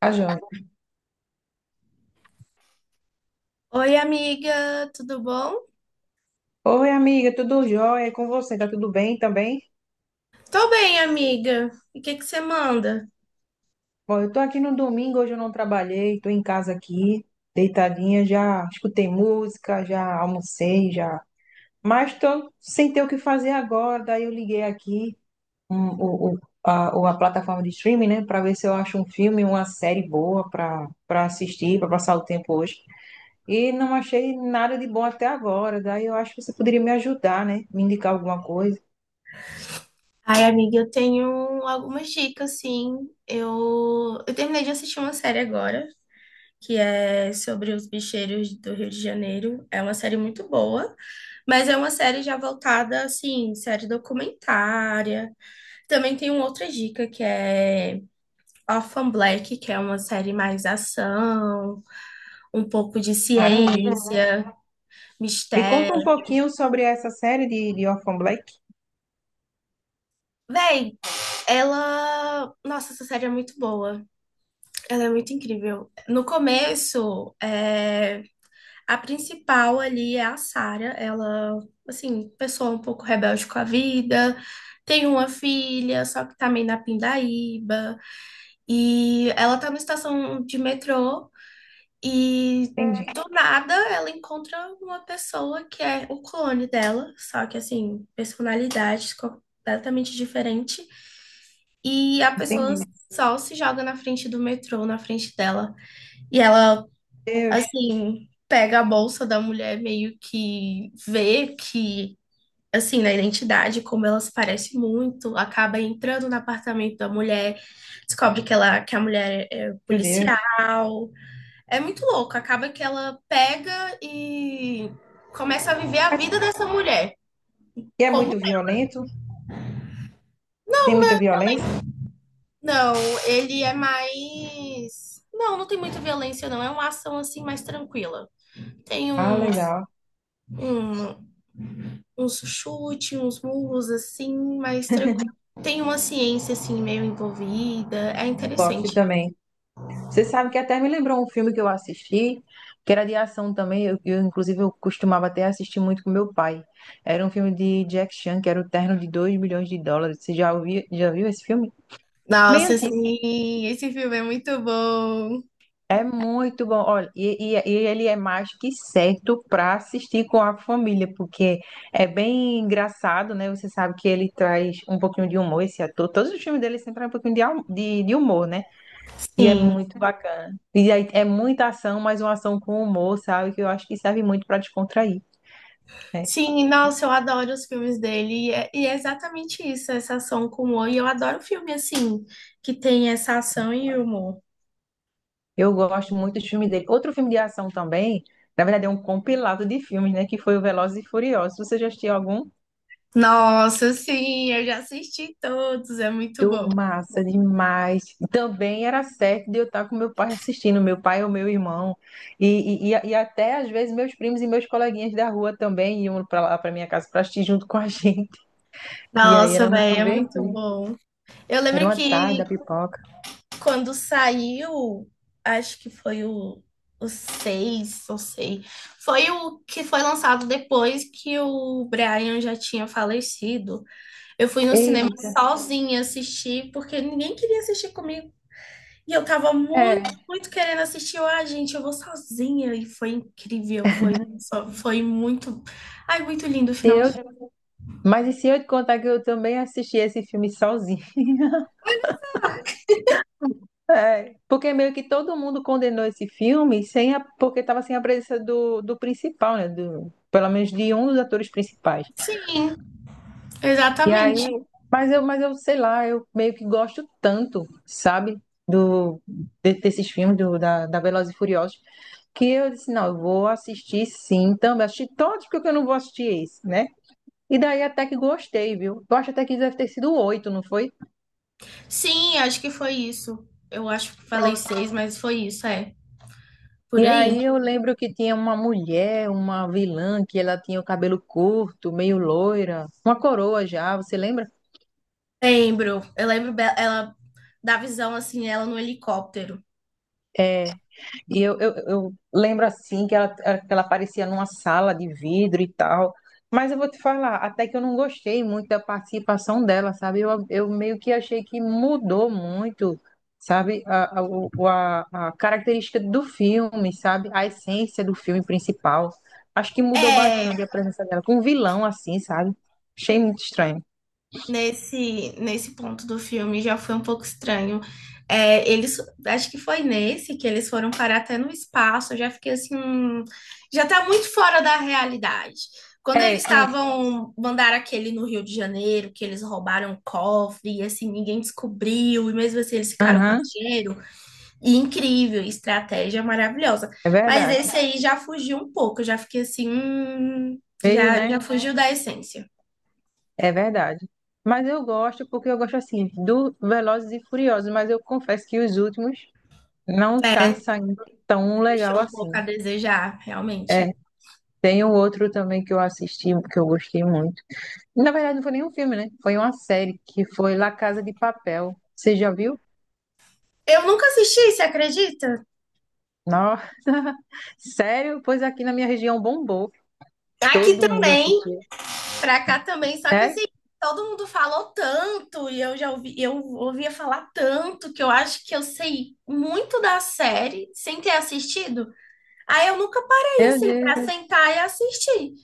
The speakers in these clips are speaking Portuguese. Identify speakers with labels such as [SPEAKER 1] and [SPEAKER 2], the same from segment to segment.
[SPEAKER 1] Tá joia.
[SPEAKER 2] Oi, amiga, tudo bom?
[SPEAKER 1] Oi, amiga, tudo jóia? E com você? Tá tudo bem também?
[SPEAKER 2] Tô bem, amiga. E o que que você manda?
[SPEAKER 1] Bom, eu tô aqui no domingo, hoje eu não trabalhei, tô em casa aqui, deitadinha, já escutei música, já almocei, já. Mas tô sem ter o que fazer agora, daí eu liguei aqui a plataforma de streaming, né, pra ver se eu acho um filme, uma série boa pra assistir, pra passar o tempo hoje. E não achei nada de bom até agora, daí eu acho que você poderia me ajudar, né, me indicar alguma coisa.
[SPEAKER 2] Ai, amiga, eu tenho algumas dicas, sim. Eu terminei de assistir uma série agora, que é sobre os bicheiros do Rio de Janeiro. É uma série muito boa, mas é uma série já voltada, assim, série documentária. Também tem uma outra dica, que é Orphan Black, que é uma série mais ação, um pouco de
[SPEAKER 1] Maravilha.
[SPEAKER 2] ciência,
[SPEAKER 1] Me
[SPEAKER 2] mistério.
[SPEAKER 1] conta um pouquinho sobre essa série de Orphan Black.
[SPEAKER 2] Véi, Ela. Nossa, essa série é muito boa. Ela é muito incrível. No começo, a principal ali é a Sarah. Ela, assim, pessoa um pouco rebelde com a vida. Tem uma filha, só que tá meio na pindaíba. E ela tá numa estação de metrô e
[SPEAKER 1] Entendi,
[SPEAKER 2] do nada ela encontra uma pessoa que é o clone dela, só que assim, personalidade completamente diferente. E a pessoa
[SPEAKER 1] entendi.
[SPEAKER 2] só se joga na frente do metrô, na frente dela. E ela,
[SPEAKER 1] Deus,
[SPEAKER 2] assim, pega a bolsa da mulher, meio que vê que, assim, na identidade, como ela se parece muito, acaba entrando no apartamento da mulher, descobre que ela, que a mulher é
[SPEAKER 1] meu
[SPEAKER 2] policial.
[SPEAKER 1] Deus.
[SPEAKER 2] É muito louco. Acaba que ela pega e começa a viver a
[SPEAKER 1] Mas
[SPEAKER 2] vida dessa mulher.
[SPEAKER 1] e é
[SPEAKER 2] Como?
[SPEAKER 1] muito violento? Tem muita violência?
[SPEAKER 2] Não, ele é mais. Não, não tem muita violência, não. É uma ação assim mais tranquila. Tem
[SPEAKER 1] Ah,
[SPEAKER 2] uns,
[SPEAKER 1] legal.
[SPEAKER 2] um, uns chutes, uns murros assim, mais tranquilo. Tem uma ciência assim meio envolvida. É
[SPEAKER 1] Gosto
[SPEAKER 2] interessante.
[SPEAKER 1] também. Você sabe que até me lembrou um filme que eu assisti, que era de ação também. Inclusive, eu costumava até assistir muito com meu pai. Era um filme de Jack Chan, que era o Terno de Dois milhões de dólares. Você já ouviu, já viu esse filme? Bem
[SPEAKER 2] Nossa,
[SPEAKER 1] antigo.
[SPEAKER 2] sim, esse filme é muito bom.
[SPEAKER 1] É muito bom. Olha, e ele é mais que certo para assistir com a família, porque é bem engraçado, né? Você sabe que ele traz um pouquinho de humor, esse ator. Todos os filmes dele sempre trazem um pouquinho de humor, né? E é
[SPEAKER 2] Sim,
[SPEAKER 1] muito bacana. E aí é muita ação, mas uma ação com humor, sabe? Que eu acho que serve muito para descontrair, né?
[SPEAKER 2] sim, nossa, eu adoro os filmes dele. E é exatamente isso, essa ação com humor. E eu adoro filme assim, que tem essa ação e humor.
[SPEAKER 1] Eu gosto muito dos filmes dele. Outro filme de ação também, na verdade, é um compilado de filmes, né? Que foi o Velozes e Furiosos. Você já assistiu algum?
[SPEAKER 2] Nossa, sim, eu já assisti todos, é muito
[SPEAKER 1] Tô
[SPEAKER 2] bom.
[SPEAKER 1] massa demais. Também era certo de eu estar com meu pai assistindo, meu pai ou meu irmão. E até às vezes meus primos e meus coleguinhas da rua também iam para lá para minha casa para assistir junto com a gente. E aí
[SPEAKER 2] Nossa,
[SPEAKER 1] era muito
[SPEAKER 2] velho, é muito
[SPEAKER 1] divertido.
[SPEAKER 2] bom. Eu
[SPEAKER 1] Era
[SPEAKER 2] lembro
[SPEAKER 1] uma tarde
[SPEAKER 2] que
[SPEAKER 1] da pipoca.
[SPEAKER 2] quando saiu, acho que foi o 6, não sei, foi o que foi lançado depois que o Brian já tinha falecido. Eu fui no cinema
[SPEAKER 1] Eita,
[SPEAKER 2] sozinha assistir, porque ninguém queria assistir comigo. E eu tava muito,
[SPEAKER 1] é.
[SPEAKER 2] muito querendo assistir. Eu, ah, gente, eu vou sozinha. E foi incrível, foi, foi muito. Ai, muito lindo o
[SPEAKER 1] Se
[SPEAKER 2] final.
[SPEAKER 1] eu... Mas e se eu te contar que eu também assisti esse filme sozinho? É. Porque meio que todo mundo condenou esse filme sem a... porque estava sem a presença do principal, né? Do... Pelo menos de um dos atores principais.
[SPEAKER 2] Sim,
[SPEAKER 1] E aí,
[SPEAKER 2] exatamente.
[SPEAKER 1] mas eu sei lá, eu meio que gosto tanto, sabe, do desses filmes da Velozes e Furiosos, que eu disse, não, eu vou assistir sim, também assisti todos porque eu não vou assistir esse, né? E daí até que gostei, viu? Eu acho até que deve ter sido oito, não foi?
[SPEAKER 2] Sim, acho que foi isso. Eu acho que falei
[SPEAKER 1] Pronto.
[SPEAKER 2] seis, mas foi isso, é. Por
[SPEAKER 1] E
[SPEAKER 2] aí.
[SPEAKER 1] aí eu lembro que tinha uma mulher, uma vilã, que ela tinha o cabelo curto, meio loira, uma coroa já, você lembra?
[SPEAKER 2] Lembro. Eu ela da visão assim, ela no helicóptero.
[SPEAKER 1] É, e eu lembro assim que ela aparecia numa sala de vidro e tal. Mas eu vou te falar, até que eu não gostei muito da participação dela, sabe? Eu meio que achei que mudou muito, sabe? A característica do filme, sabe? A essência do filme principal. Acho que mudou
[SPEAKER 2] É,
[SPEAKER 1] bastante a presença dela. Com um vilão assim, sabe? Achei muito estranho.
[SPEAKER 2] nesse ponto do filme já foi um pouco estranho. É, eles, acho que foi nesse que eles foram parar até no espaço. Eu já fiquei assim, já tá muito fora da realidade. Quando eles
[SPEAKER 1] É isso.
[SPEAKER 2] estavam, mandaram aquele no Rio de Janeiro, que eles roubaram o cofre, e assim, ninguém descobriu, e mesmo assim eles ficaram com o
[SPEAKER 1] Aham,
[SPEAKER 2] dinheiro. E incrível, estratégia maravilhosa.
[SPEAKER 1] é
[SPEAKER 2] Mas
[SPEAKER 1] verdade.
[SPEAKER 2] esse aí já fugiu um pouco, eu já fiquei assim,
[SPEAKER 1] Veio,
[SPEAKER 2] já,
[SPEAKER 1] né?
[SPEAKER 2] já fugiu da essência.
[SPEAKER 1] É verdade. Mas eu gosto porque eu gosto assim do Velozes e Furiosos, mas eu confesso que os últimos não tá saindo tão legal
[SPEAKER 2] Deixou um
[SPEAKER 1] assim.
[SPEAKER 2] pouco a desejar,
[SPEAKER 1] É,
[SPEAKER 2] realmente.
[SPEAKER 1] tem um outro também que eu assisti, que eu gostei muito. Na verdade, não foi nem um filme, né? Foi uma série que foi La Casa de Papel. Você já viu?
[SPEAKER 2] Eu nunca assisti, você acredita?
[SPEAKER 1] Nossa, sério? Pois aqui na minha região bombou.
[SPEAKER 2] Aqui
[SPEAKER 1] Todo mundo
[SPEAKER 2] também,
[SPEAKER 1] assistiu.
[SPEAKER 2] pra cá também, só que
[SPEAKER 1] Sério?
[SPEAKER 2] assim, todo mundo falou tanto e eu já ouvi, eu ouvia falar tanto que eu acho que eu sei muito da série sem ter assistido. Aí eu nunca parei
[SPEAKER 1] Meu
[SPEAKER 2] assim pra
[SPEAKER 1] Deus,
[SPEAKER 2] sentar e assistir.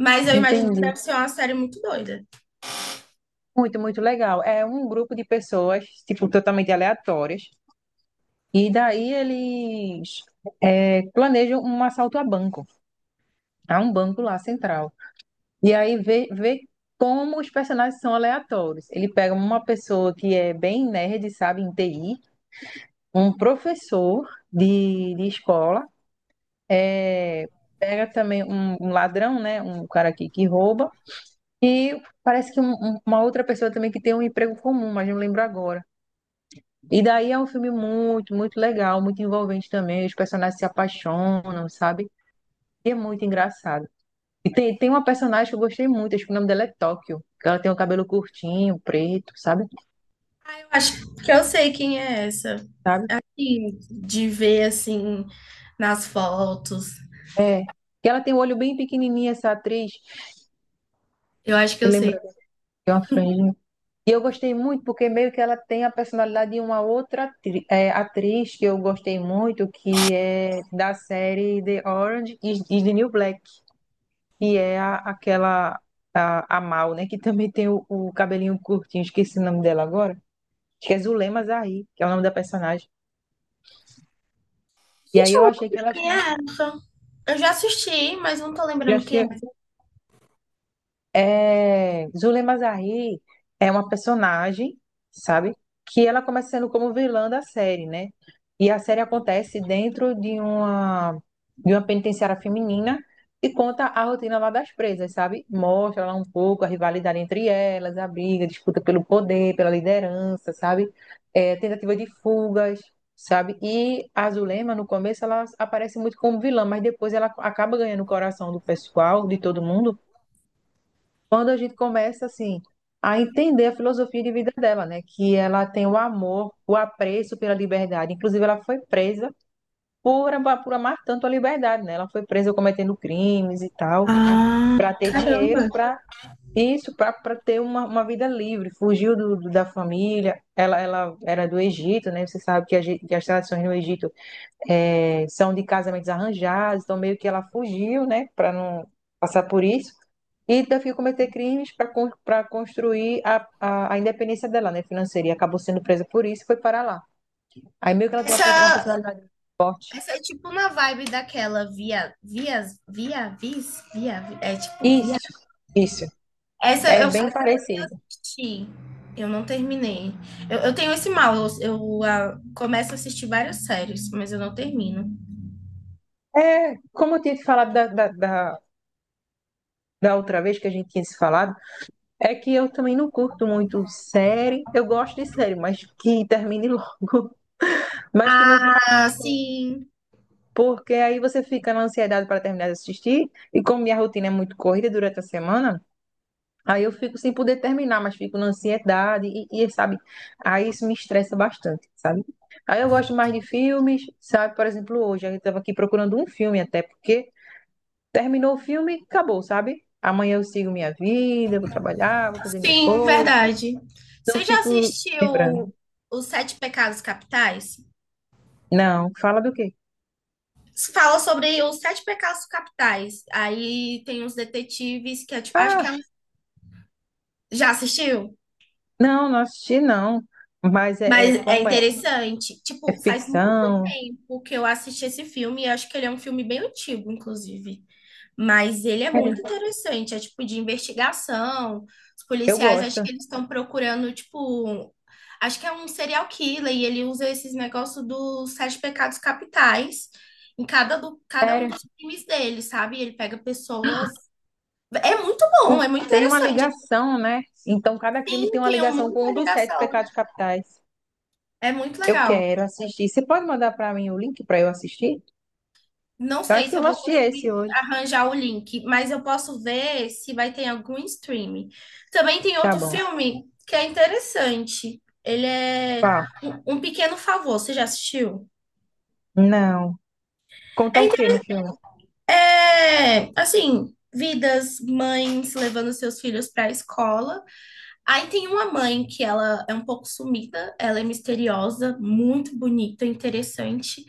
[SPEAKER 2] Mas eu imagino que deve
[SPEAKER 1] entendi.
[SPEAKER 2] ser uma série muito doida.
[SPEAKER 1] Muito, muito legal. É um grupo de pessoas, tipo, totalmente aleatórias. E daí eles planejam um assalto a banco, a um banco lá central. E aí vê como os personagens são aleatórios. Ele pega uma pessoa que é bem nerd, sabe, em TI, um professor de escola, é, pega também um ladrão, né, um cara que rouba, e parece que uma outra pessoa também que tem um emprego comum, mas não lembro agora. E daí é um filme muito legal, muito envolvente também. Os personagens se apaixonam, sabe? É muito engraçado. E tem uma personagem que eu gostei muito, acho que o nome dela é Tóquio. Que Ela tem o cabelo curtinho, preto, sabe?
[SPEAKER 2] Eu acho que eu sei quem é essa.
[SPEAKER 1] Sabe?
[SPEAKER 2] Sim, de ver assim nas fotos.
[SPEAKER 1] É, que ela tem o olho bem pequenininho, essa atriz.
[SPEAKER 2] Eu acho que
[SPEAKER 1] Me
[SPEAKER 2] eu sei.
[SPEAKER 1] lembra de uma franjinha. E eu gostei muito porque meio que ela tem a personalidade de uma outra atriz que eu gostei muito, que é da série The Orange is the New Black, que é a, aquela, a Mal, né? Que também tem o cabelinho curtinho, esqueci o nome dela agora. Acho que é Zulema Zahir, que é o nome da personagem. E
[SPEAKER 2] Gente,
[SPEAKER 1] aí
[SPEAKER 2] eu
[SPEAKER 1] eu
[SPEAKER 2] não lembro
[SPEAKER 1] achei que elas
[SPEAKER 2] quem
[SPEAKER 1] têm.
[SPEAKER 2] é essa. Eu já assisti, mas não tô
[SPEAKER 1] Já
[SPEAKER 2] lembrando quem é.
[SPEAKER 1] achei, é, Zulema Zahir é uma personagem, sabe? Que ela começa sendo como vilã da série, né? E a série acontece dentro de uma penitenciária feminina e conta a rotina lá das presas, sabe? Mostra lá um pouco a rivalidade entre elas, a briga, a disputa pelo poder, pela liderança, sabe? É, tentativa de fugas, sabe? E a Zulema, no começo, ela aparece muito como vilã, mas depois ela acaba ganhando o coração do pessoal, de todo mundo quando a gente começa assim a entender a filosofia de vida dela, né? Que ela tem o amor, o apreço pela liberdade. Inclusive, ela foi presa por amar tanto a liberdade, né? Ela foi presa cometendo crimes e tal,
[SPEAKER 2] Ah,
[SPEAKER 1] para ter dinheiro,
[SPEAKER 2] caramba.
[SPEAKER 1] para isso, para ter uma vida livre. Fugiu da família. Ela era do Egito, né? Você sabe que, que as tradições no Egito é, são de casamentos arranjados, então meio que ela fugiu, né, para não passar por isso. E teve que cometer crimes para para construir a independência dela, né, financeira. E acabou sendo presa por isso e foi para lá. Aí meio que ela tem uma, uma
[SPEAKER 2] Essa,
[SPEAKER 1] personalidade forte.
[SPEAKER 2] essa é tipo na vibe daquela via, vias, via, vis, via, vi- é tipo via.
[SPEAKER 1] Isso, isso.
[SPEAKER 2] Essa
[SPEAKER 1] É
[SPEAKER 2] eu só
[SPEAKER 1] bem parecido.
[SPEAKER 2] assisti, eu não terminei. Eu tenho esse mal, eu, ah, começo a assistir várias séries, mas eu não termino.
[SPEAKER 1] É, como eu tinha te falado da outra vez que a gente tinha se falado, é que eu também não curto muito série. Eu gosto de série, mas que termine logo. Mas que não vá.
[SPEAKER 2] Ah, sim,
[SPEAKER 1] Porque aí você fica na ansiedade para terminar de assistir, e como minha rotina é muito corrida durante a semana, aí eu fico sem poder terminar, mas fico na ansiedade, e, sabe, aí isso me estressa bastante, sabe? Aí eu gosto mais de filmes, sabe? Por exemplo, hoje eu estava aqui procurando um filme até, porque terminou o filme, acabou, sabe? Amanhã eu sigo minha vida, vou trabalhar, vou fazer minhas
[SPEAKER 2] sim,
[SPEAKER 1] coisas, sabe?
[SPEAKER 2] verdade.
[SPEAKER 1] Não
[SPEAKER 2] Você já
[SPEAKER 1] fico lembrando.
[SPEAKER 2] assistiu Os Sete Pecados Capitais?
[SPEAKER 1] Não, fala do quê?
[SPEAKER 2] Fala sobre os sete pecados capitais. Aí tem uns detetives que é, tipo, acho que
[SPEAKER 1] Ah,
[SPEAKER 2] já assistiu,
[SPEAKER 1] não, não assisti não. Mas é,
[SPEAKER 2] mas
[SPEAKER 1] é
[SPEAKER 2] é
[SPEAKER 1] como é,
[SPEAKER 2] interessante.
[SPEAKER 1] é
[SPEAKER 2] Tipo, faz muito
[SPEAKER 1] ficção,
[SPEAKER 2] tempo que eu assisti esse filme e acho que ele é um filme bem antigo, inclusive. Mas ele é
[SPEAKER 1] sério,
[SPEAKER 2] muito interessante, é tipo de investigação. Os
[SPEAKER 1] eu
[SPEAKER 2] policiais acho
[SPEAKER 1] gosto.
[SPEAKER 2] que eles estão procurando tipo, acho que é um serial killer e ele usa esses negócios dos sete pecados capitais em cada um
[SPEAKER 1] Sério.
[SPEAKER 2] dos crimes dele, sabe? Ele pega pessoas. É muito bom, é muito
[SPEAKER 1] Tem uma
[SPEAKER 2] interessante.
[SPEAKER 1] ligação, né? Então, cada crime
[SPEAKER 2] Eu
[SPEAKER 1] tem uma
[SPEAKER 2] tenho
[SPEAKER 1] ligação com
[SPEAKER 2] muita
[SPEAKER 1] um dos sete
[SPEAKER 2] ligação.
[SPEAKER 1] pecados capitais.
[SPEAKER 2] É muito
[SPEAKER 1] Eu
[SPEAKER 2] legal.
[SPEAKER 1] quero assistir. Você pode mandar para mim o link para eu assistir?
[SPEAKER 2] Não
[SPEAKER 1] Eu
[SPEAKER 2] sei
[SPEAKER 1] acho
[SPEAKER 2] se
[SPEAKER 1] que eu
[SPEAKER 2] eu
[SPEAKER 1] vou
[SPEAKER 2] vou
[SPEAKER 1] assistir esse
[SPEAKER 2] conseguir
[SPEAKER 1] hoje.
[SPEAKER 2] arranjar o link, mas eu posso ver se vai ter algum streaming. Também tem
[SPEAKER 1] Tá
[SPEAKER 2] outro
[SPEAKER 1] bom.
[SPEAKER 2] filme que é interessante. Ele é
[SPEAKER 1] Tá.
[SPEAKER 2] Um Pequeno Favor. Você já assistiu?
[SPEAKER 1] Não. Conta
[SPEAKER 2] É,
[SPEAKER 1] o que no
[SPEAKER 2] inte-
[SPEAKER 1] filme?
[SPEAKER 2] assim, vidas, mães levando seus filhos para a escola. Aí tem uma mãe que ela é um pouco sumida, ela é misteriosa, muito bonita, interessante.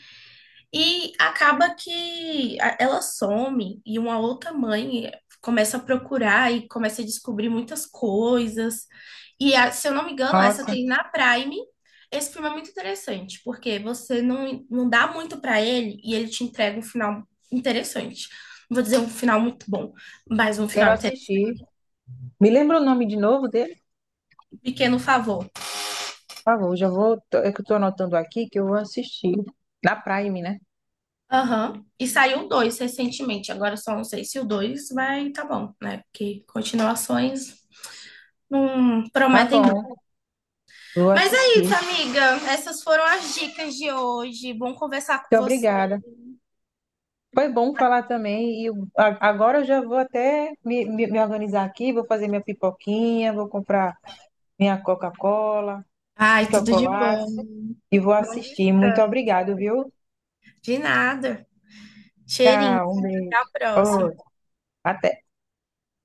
[SPEAKER 2] E acaba que ela some e uma outra mãe começa a procurar e começa a descobrir muitas coisas. E se eu não me engano, essa
[SPEAKER 1] Nossa,
[SPEAKER 2] tem na Prime. Esse filme é muito interessante, porque você não, não dá muito pra ele e ele te entrega um final interessante. Não vou dizer um final muito bom, mas um
[SPEAKER 1] quero
[SPEAKER 2] final interessante.
[SPEAKER 1] assistir. Me lembra o nome de novo dele?
[SPEAKER 2] Um pequeno favor.
[SPEAKER 1] Por favor, já vou. É que eu tô anotando aqui que eu vou assistir. Na Prime, né?
[SPEAKER 2] Aham. E saiu o dois recentemente. Agora eu só não sei se o dois vai tá bom, né? Porque continuações não
[SPEAKER 1] Tá
[SPEAKER 2] prometem muito.
[SPEAKER 1] bom. Vou
[SPEAKER 2] Mas é
[SPEAKER 1] assistir.
[SPEAKER 2] isso, amiga. Essas foram as dicas de hoje. Bom conversar com
[SPEAKER 1] Muito
[SPEAKER 2] você.
[SPEAKER 1] obrigada. Foi bom falar também. Agora eu já vou até me organizar aqui, vou fazer minha pipoquinha, vou comprar minha Coca-Cola,
[SPEAKER 2] Ai, tudo de
[SPEAKER 1] chocolate
[SPEAKER 2] bom.
[SPEAKER 1] e vou
[SPEAKER 2] Bom
[SPEAKER 1] assistir. Muito
[SPEAKER 2] descanso.
[SPEAKER 1] obrigado, viu?
[SPEAKER 2] De nada. Cheirinho.
[SPEAKER 1] Tchau, um
[SPEAKER 2] Até
[SPEAKER 1] beijo.
[SPEAKER 2] a próxima.
[SPEAKER 1] Outro. Até.